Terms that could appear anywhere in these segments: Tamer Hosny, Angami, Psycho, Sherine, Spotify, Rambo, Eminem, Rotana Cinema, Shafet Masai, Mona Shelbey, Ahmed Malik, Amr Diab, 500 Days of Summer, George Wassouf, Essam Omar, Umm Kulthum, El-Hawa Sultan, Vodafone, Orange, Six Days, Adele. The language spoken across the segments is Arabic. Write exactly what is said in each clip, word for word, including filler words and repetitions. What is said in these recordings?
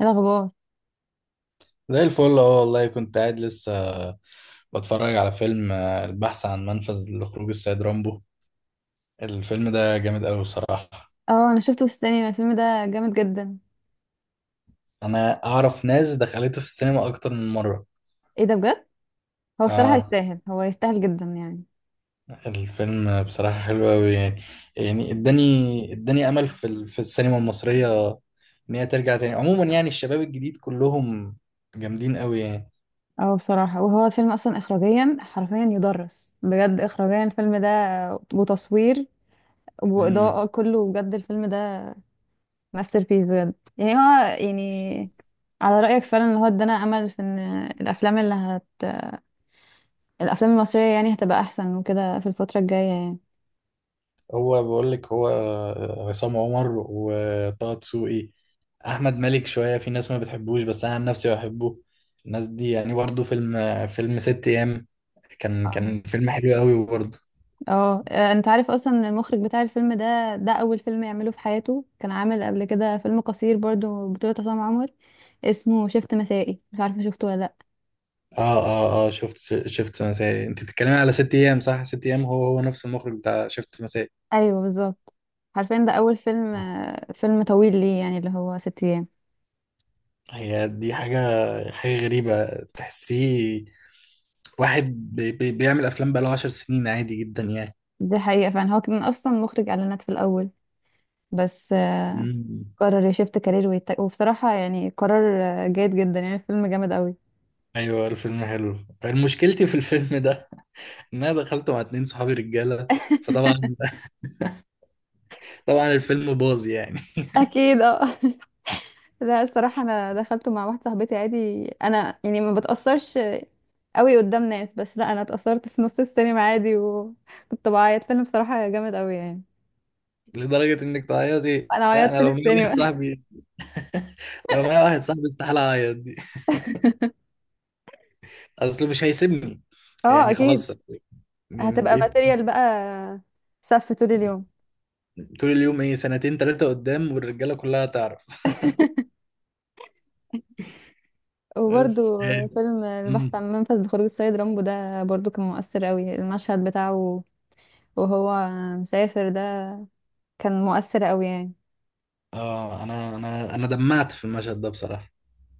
ايه الاخبار؟ زي الفل، اه والله كنت قاعد لسه بتفرج على فيلم آه، البحث عن منفذ لخروج السيد رامبو. الفيلم ده جامد قوي بصراحة. اه، انا شفته في السينما، الفيلم ده جامد جدا. انا اعرف ناس دخلته في السينما اكتر من مرة. ايه ده بجد؟ هو الصراحه اه، يستاهل، هو يستاهل جدا يعني. الفيلم بصراحة حلو قوي يعني. يعني اداني اداني امل في ال- في السينما المصرية، ان هي ترجع تاني. عموما يعني الشباب الجديد كلهم جامدين قوي يعني. اه بصراحه، وهو الفيلم اصلا اخراجيا حرفيا يدرس بجد اخراجيا الفيلم ده، وتصوير مم. واضاءه، كله بجد الفيلم ده ماستر بيس بجد يعني هو يعني. على رايك فعلا ان هو ادانا امل في ان الافلام اللي هت الافلام المصريه يعني هتبقى احسن وكده في الفتره الجايه. هو بقول لك، هو آه، عصام عمر وطه دسوقي احمد مالك. شويه في ناس ما بتحبوش بس انا عن نفسي بحبه. الناس دي يعني برضه، فيلم فيلم ست ايام كان يعني كان فيلم حلو قوي برضه. اه، آه، انت عارف اصلا إن المخرج بتاع الفيلم ده ده اول فيلم يعمله في حياته، كان عامل قبل كده فيلم قصير برضو بطولة عصام عمر، اسمه شفت مسائي، مش عارفه شفته ولا لا. اه، اه، اه، شفت شفت مسائي. انت بتتكلمي على ست ايام، صح؟ ست ايام هو هو نفس المخرج بتاع شفت مسائي. ايوه بالظبط. عارفين ده اول فيلم، آه، فيلم طويل ليه يعني اللي هو ست ايام. هي دي حاجه، حاجه غريبه. تحسيه واحد بي بي بيعمل افلام بقاله عشر سنين عادي جدا يعني. دي حقيقة فعلا، هو كان اصلا مخرج اعلانات في الاول، بس آه، مم. قرر يشفت كارير ويتك... وبصراحة يعني قرار آه، جيد جدا يعني، الفيلم جامد قوي. ايوه الفيلم حلو. مشكلتي في الفيلم ده ان انا دخلته مع اتنين صحابي رجاله، فطبعا، طبعا الفيلم باظ يعني. اكيد اه. لا الصراحة انا دخلته مع واحدة صاحبتي عادي، انا يعني ما بتأثرش قوي قدام ناس، بس لا، انا اتأثرت في نص السينما عادي وكنت بعيط، فيلم بصراحة جامد قوي يعني. لدرجة انك تعيطي؟ انا لا، انا عيطت في لو معايا واحد السينما. صاحبي لو معايا واحد صاحبي استحالة اعيط دي، اصله مش هيسيبني. اه يعني اكيد. خلاص، يعني هتبقى بقيت ماتيريال بقى، سف طول اليوم. طول اليوم ايه سنتين تلاتة قدام والرجالة كلها تعرف. بس. وبرضو فيلم البحث مم. عن منفذ لخروج السيد رامبو ده برضو كان مؤثر قوي، المشهد بتاعه وهو مسافر ده كان مؤثر قوي يعني. اه، انا انا انا دمعت في المشهد ده بصراحة.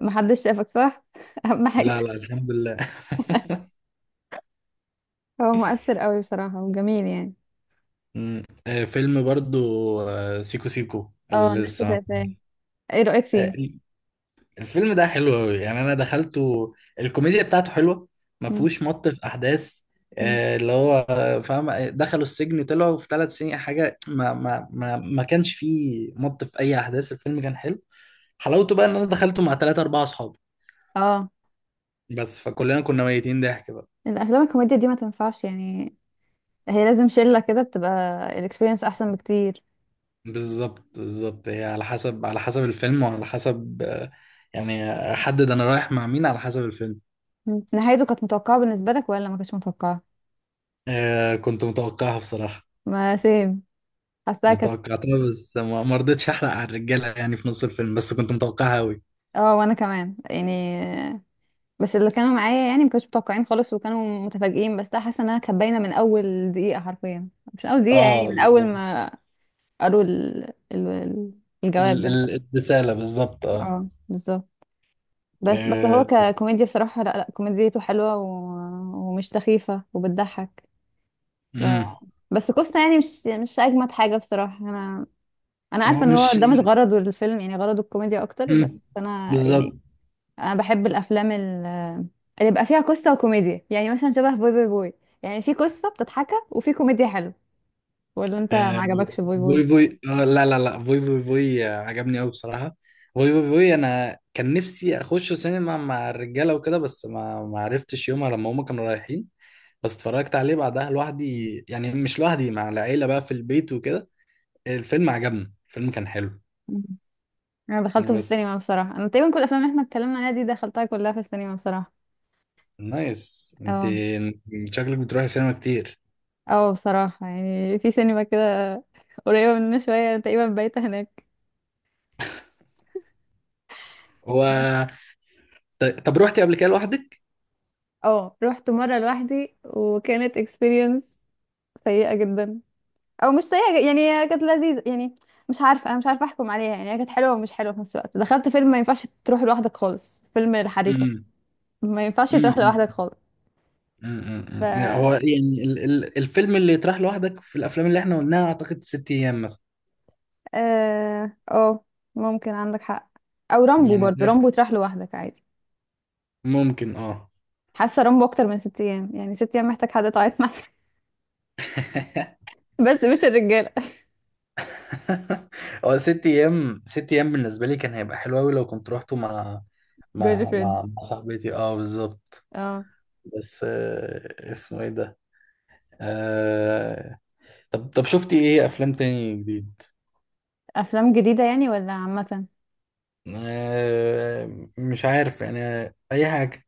محدش شافك صح؟ اهم لا، حاجة. لا، الحمد لله. هو مؤثر قوي بصراحة وجميل يعني. مم. آه، فيلم برضو، آه، سيكو سيكو اه اللي الناس لسه. شايفاه، ايه رأيك آه، فيه؟ الفيلم ده حلو قوي يعني. انا دخلته، الكوميديا بتاعته حلوه، ما مم. فيهوش مط في احداث. مم. آه، اللي هو آه، فاهم. دخلوا السجن طلعوا في ثلاث سنين حاجه، ما ما ما ما كانش فيه مط في اي احداث. الفيلم كان حلو. حلاوته بقى ان انا دخلته مع ثلاثة اربعة اصحاب، اه، بس فكلنا كنا ميتين ضحك بقى. الافلام الكوميديا دي ما تنفعش يعني، هي لازم شله كده بتبقى، الاكسبيرينس احسن بكتير. بالظبط، بالظبط. هي على حسب، على حسب الفيلم، وعلى حسب آه، يعني احدد انا رايح مع مين على حسب الفيلم. مم. نهايته كانت متوقعه بالنسبه لك ولا ما كانتش متوقعه؟ آه، كنت متوقعها بصراحه. ما سيم، حاساها انا كانت. توقعتها بس ما ما رضيتش احرق على الرجاله يعني في نص الفيلم، بس كنت متوقعها قوي. اه وانا كمان يعني، بس اللي كانوا معايا يعني ما كانوش متوقعين خالص وكانوا متفاجئين، بس لا، حاسه انها كانت باينه من اول دقيقه حرفيا. مش من اول دقيقه، يعني اه، من اول ال- ما قالوا ال... ال... ال- الجواب ال- ده. ال- الرساله بالظبط، اه. اه بالظبط. بس بس هو آه، ككوميديا بصراحه، لا لا، كوميديته حلوه و... ومش سخيفه وبتضحك. امم بس قصة يعني مش مش اجمد حاجة بصراحة، انا انا هو عارفة ان هو مش، ده مش غرضه الفيلم، يعني غرضه الكوميديا اكتر، امم بس انا يعني بالظبط. انا بحب الافلام ال- اللي بيبقى فيها قصة وكوميديا، يعني مثلا شبه بوي بوي بوي، يعني في قصة بتضحكها وفي كوميديا حلوة. ولا انت ما آه، عجبكش بوي بوي؟ فوي فوي، آه، لا لا لا، فوي فوي فوي، آه، عجبني قوي بصراحه. فوي فوي فوي، انا كان نفسي اخش سينما مع الرجاله وكده، بس ما ما عرفتش يومها لما هما كانوا رايحين. بس اتفرجت عليه بعدها لوحدي، يعني مش لوحدي، مع العيله بقى في البيت وكده. الفيلم عجبني، الفيلم كان حلو. مم. انا دخلته في بس السينما بصراحة، انا تقريبا كل الافلام اللي احنا اتكلمنا عليها دي دخلتها كلها في السينما بصراحة. نايس انت، اه. شكلك بتروحي سينما كتير. اه بصراحة، يعني في سينما كده قريبة مننا شوية، أنا تقريبا بايتة هناك. هو طيب- طب روحتي قبل كده لوحدك؟ اه رحت مرة لوحدي، وكانت experience سيئة جدا. او مش سيئة ج- يعني هي كانت لذيذة يعني. مش عارفة، انا مش عارفة احكم عليها، يعني هي كانت حلوة ومش حلوة في نفس الوقت، دخلت فيلم ما ينفعش تروح لوحدك خالص، فيلم الحريفة. امم ما ينفعش تروح امم لوحدك خالص. ف امم هو يعني ال... ال... الفيلم اللي يطرح لوحدك في الافلام اللي احنا قلناها اعتقد ست ايام مثلا. اه، آه، ممكن عندك حق. او رامبو، يعني برضو ده رامبو تروح لوحدك عادي. ممكن، اه. حاسة رامبو اكتر من ست ايام، يعني ست ايام محتاج حد تعيط معاه. بس مش الرجالة. هو ست ايام، ست ايام بالنسبه لي كان هيبقى حلو قوي لو كنت روحته مع جيرل مع فريند. مع, مع صاحبتي، اه بالظبط. اه. بس آه، اسمه ايه ده؟ آه... طب طب شفتي ايه افلام تاني جديد؟ افلام جديدة يعني ولا عامة؟ آه، مش عارف يعني، اي حاجه.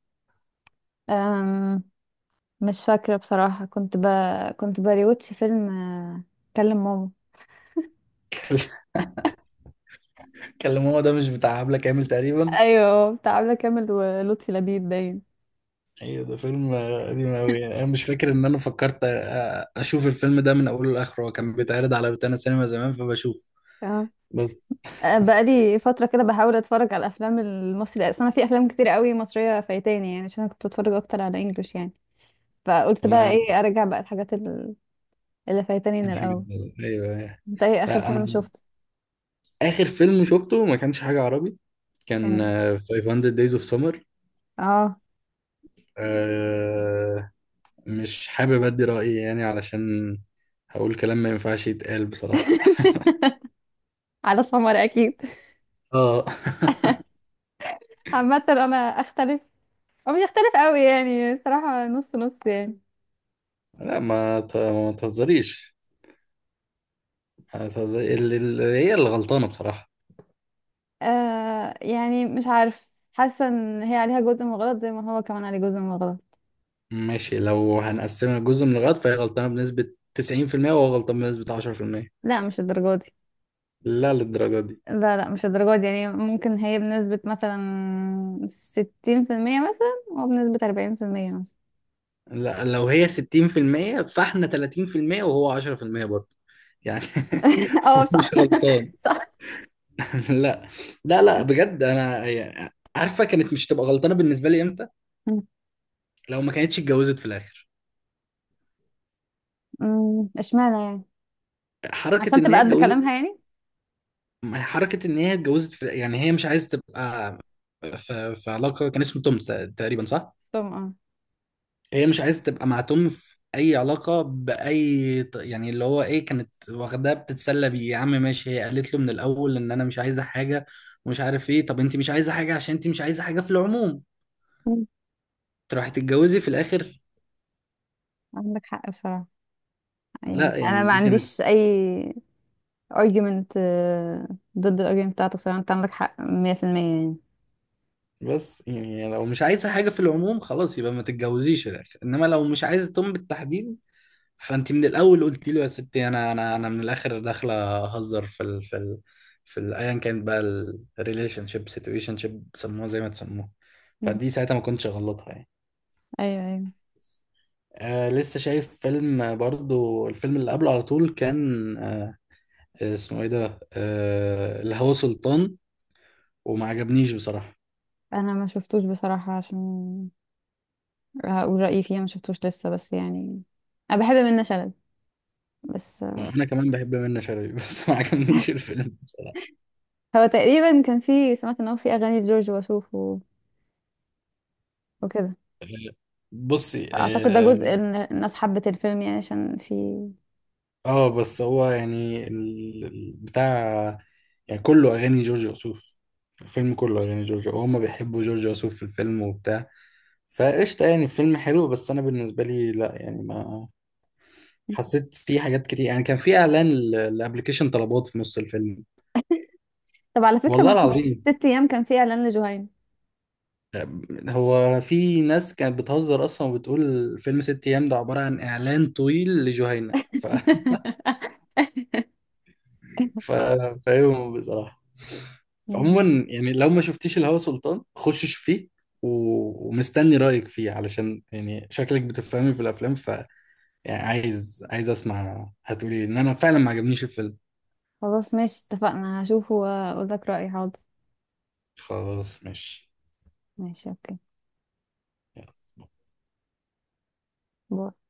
أم... مش فاكرة بصراحة، كنت ب... كنت بريوتش فيلم آه، كلم ماما. كلم ماما ده مش بتاع عبله كامل تقريبا؟ ايوه بتاع عبلة كامل ولطفي لبيب باين. ايوه، ده فيلم آه، قديم قوي يعني. انا مش فاكر ان انا فكرت آه، اشوف الفيلم ده من اوله لاخره. هو كان بيتعرض على روتانا سينما زمان فبشوفه. اه، بس آه، بقالي فترة كده بحاول اتفرج على الافلام المصري، اصل انا في افلام كتير قوي مصرية فايتاني، يعني عشان أنا كنت بتفرج اكتر على انجلش يعني. فقلت بقى انا ايه، ارجع بقى الحاجات ال- اللي فايتاني من كان حاجة الاول. كده. ايوه، أيوة. انت ايه اخر لا، انا فيلم شفته؟ اخر فيلم شفته ما كانش حاجه عربي، كان كان إيه؟ آه، خمسمية Days of Summer. اه. آه، مش حابب ادي رايي يعني علشان هقول كلام ما ينفعش يتقال بصراحه. على سمر اكيد. اه. عامة انا اختلف، او مش اختلف قوي يعني، صراحة نص نص يعني. لا، ما ت- ما تهزريش، ما تهزري- ال- ال- هي اللي غلطانة بصراحة. آه يعني مش عارف، حاسة ان هي عليها جزء من الغلط زي ما هو كمان عليه جزء من الغلط. ماشي، لو هنقسمها جزء من الغلط فهي غلطانة بنسبة تسعين في المية وهو غلطان بنسبة عشرة في المية. لا مش الدرجة دي. لا للدرجة دي. لا لا مش الدرجة دي، يعني ممكن هي بنسبة مثلا ستين في المية مثلا وبنسبة أربعين في المية مثلا. لا لو هي ستين في المية فاحنا ثلاثين في المية وهو عشرة في المية برضه، يعني اه هو صح. مش غلطان. صح. لا، لا، لا، بجد. انا يعني عارفة كانت مش تبقى غلطانة بالنسبة لي امتى؟ لو ما كانتش اتجوزت في الاخر. أمم، اشمعنى يعني؟ حركة عشان ان تبقى هي قد اتجوزت. كلامها يعني. ما هي حركة إن هي اتجوزت في... يعني هي مش عايزة تبقى في... في علاقة، كان اسمه توم، ت- تقريبا صح؟ طبعا. هي مش عايزة تبقى مع توم في أي علاقة بأي ط- يعني اللي هو إيه، كانت واخداه بتتسلى بيه يا عم، ماشي، هي قالت له من الأول إن أنا مش عايزة حاجة، ومش عارف إيه. طب أنت مش عايزة حاجة، عشان أنت مش عايزة حاجة في العموم، اه أمم، تروحي تتجوزي في الآخر؟ عندك حق بصراحة، يعني لا أنا يعني ما دي كانت. عنديش أي argument، آه، ضد الargument بتاعتك، بصراحة أنت عندك حق مية في المية يعني. بس يعني لو مش عايزة حاجة في العموم خلاص يبقى ما تتجوزيش في الآخر، إنما لو مش عايزة توم بالتحديد، فانت من الاول قلت له يا ستي، انا انا انا من الاخر داخله اهزر في ال في ال في ال- ايا كانت بقى، الريليشن شيب، سيتويشن شيب، سموها زي ما تسموها. أمم. فدي ساعتها ما كنتش غلطها يعني. أيوه أيوه. آه لسه شايف فيلم، آه، برضو الفيلم اللي قبله على طول، كان آه، اسمه ايه ده، آه الهوى سلطان، وما عجبنيش بصراحة. انا ما شفتوش بصراحة، عشان هقول رأيي فيها ما شفتوش لسه، بس يعني انا بحب منة شلبي. بس. انا كمان بحب منة شلبي بس ما عجبنيش الفيلم بصراحة. هو تقريبا كان في، سمعت ان هو في اغاني لجورج وسوف و... وكده. آه، بصي، اعتقد ده جزء ان الناس حبت الفيلم يعني عشان في. اه بس هو يعني ال- ال- بتاع، يعني كله اغاني جورج وسوف. الفيلم كله اغاني جورج، وهم بيحبوا جورج وسوف في الفيلم وبتاع. فقشطه يعني الفيلم حلو، بس انا بالنسبه لي لا يعني، ما حسيت. في حاجات كتير يعني، كان في اعلان ل- لابلكيشن طلبات في نص الفيلم، طب على فكرة، والله من ست العظيم. ست ايام كان في اعلان لجهينة. هو في ناس كانت بتهزر اصلا وبتقول فيلم ست ايام ده عباره عن اعلان طويل لجهينة، ف... ف... فاهمهم بصراحه. عموما يعني لو ما شفتيش الهوى سلطان خش شوف فيه، و- ومستني رأيك فيه علشان يعني شكلك بتفهمي في الأفلام، ف يعني عايز عايز أسمع هتقولي إن أنا فعلا ما عجبنيش الفيلم. خلاص ماشي، اتفقنا، هشوفه واقول لك رأيي، حاضر. خلاص ماشي. ماشي اوكي. باي.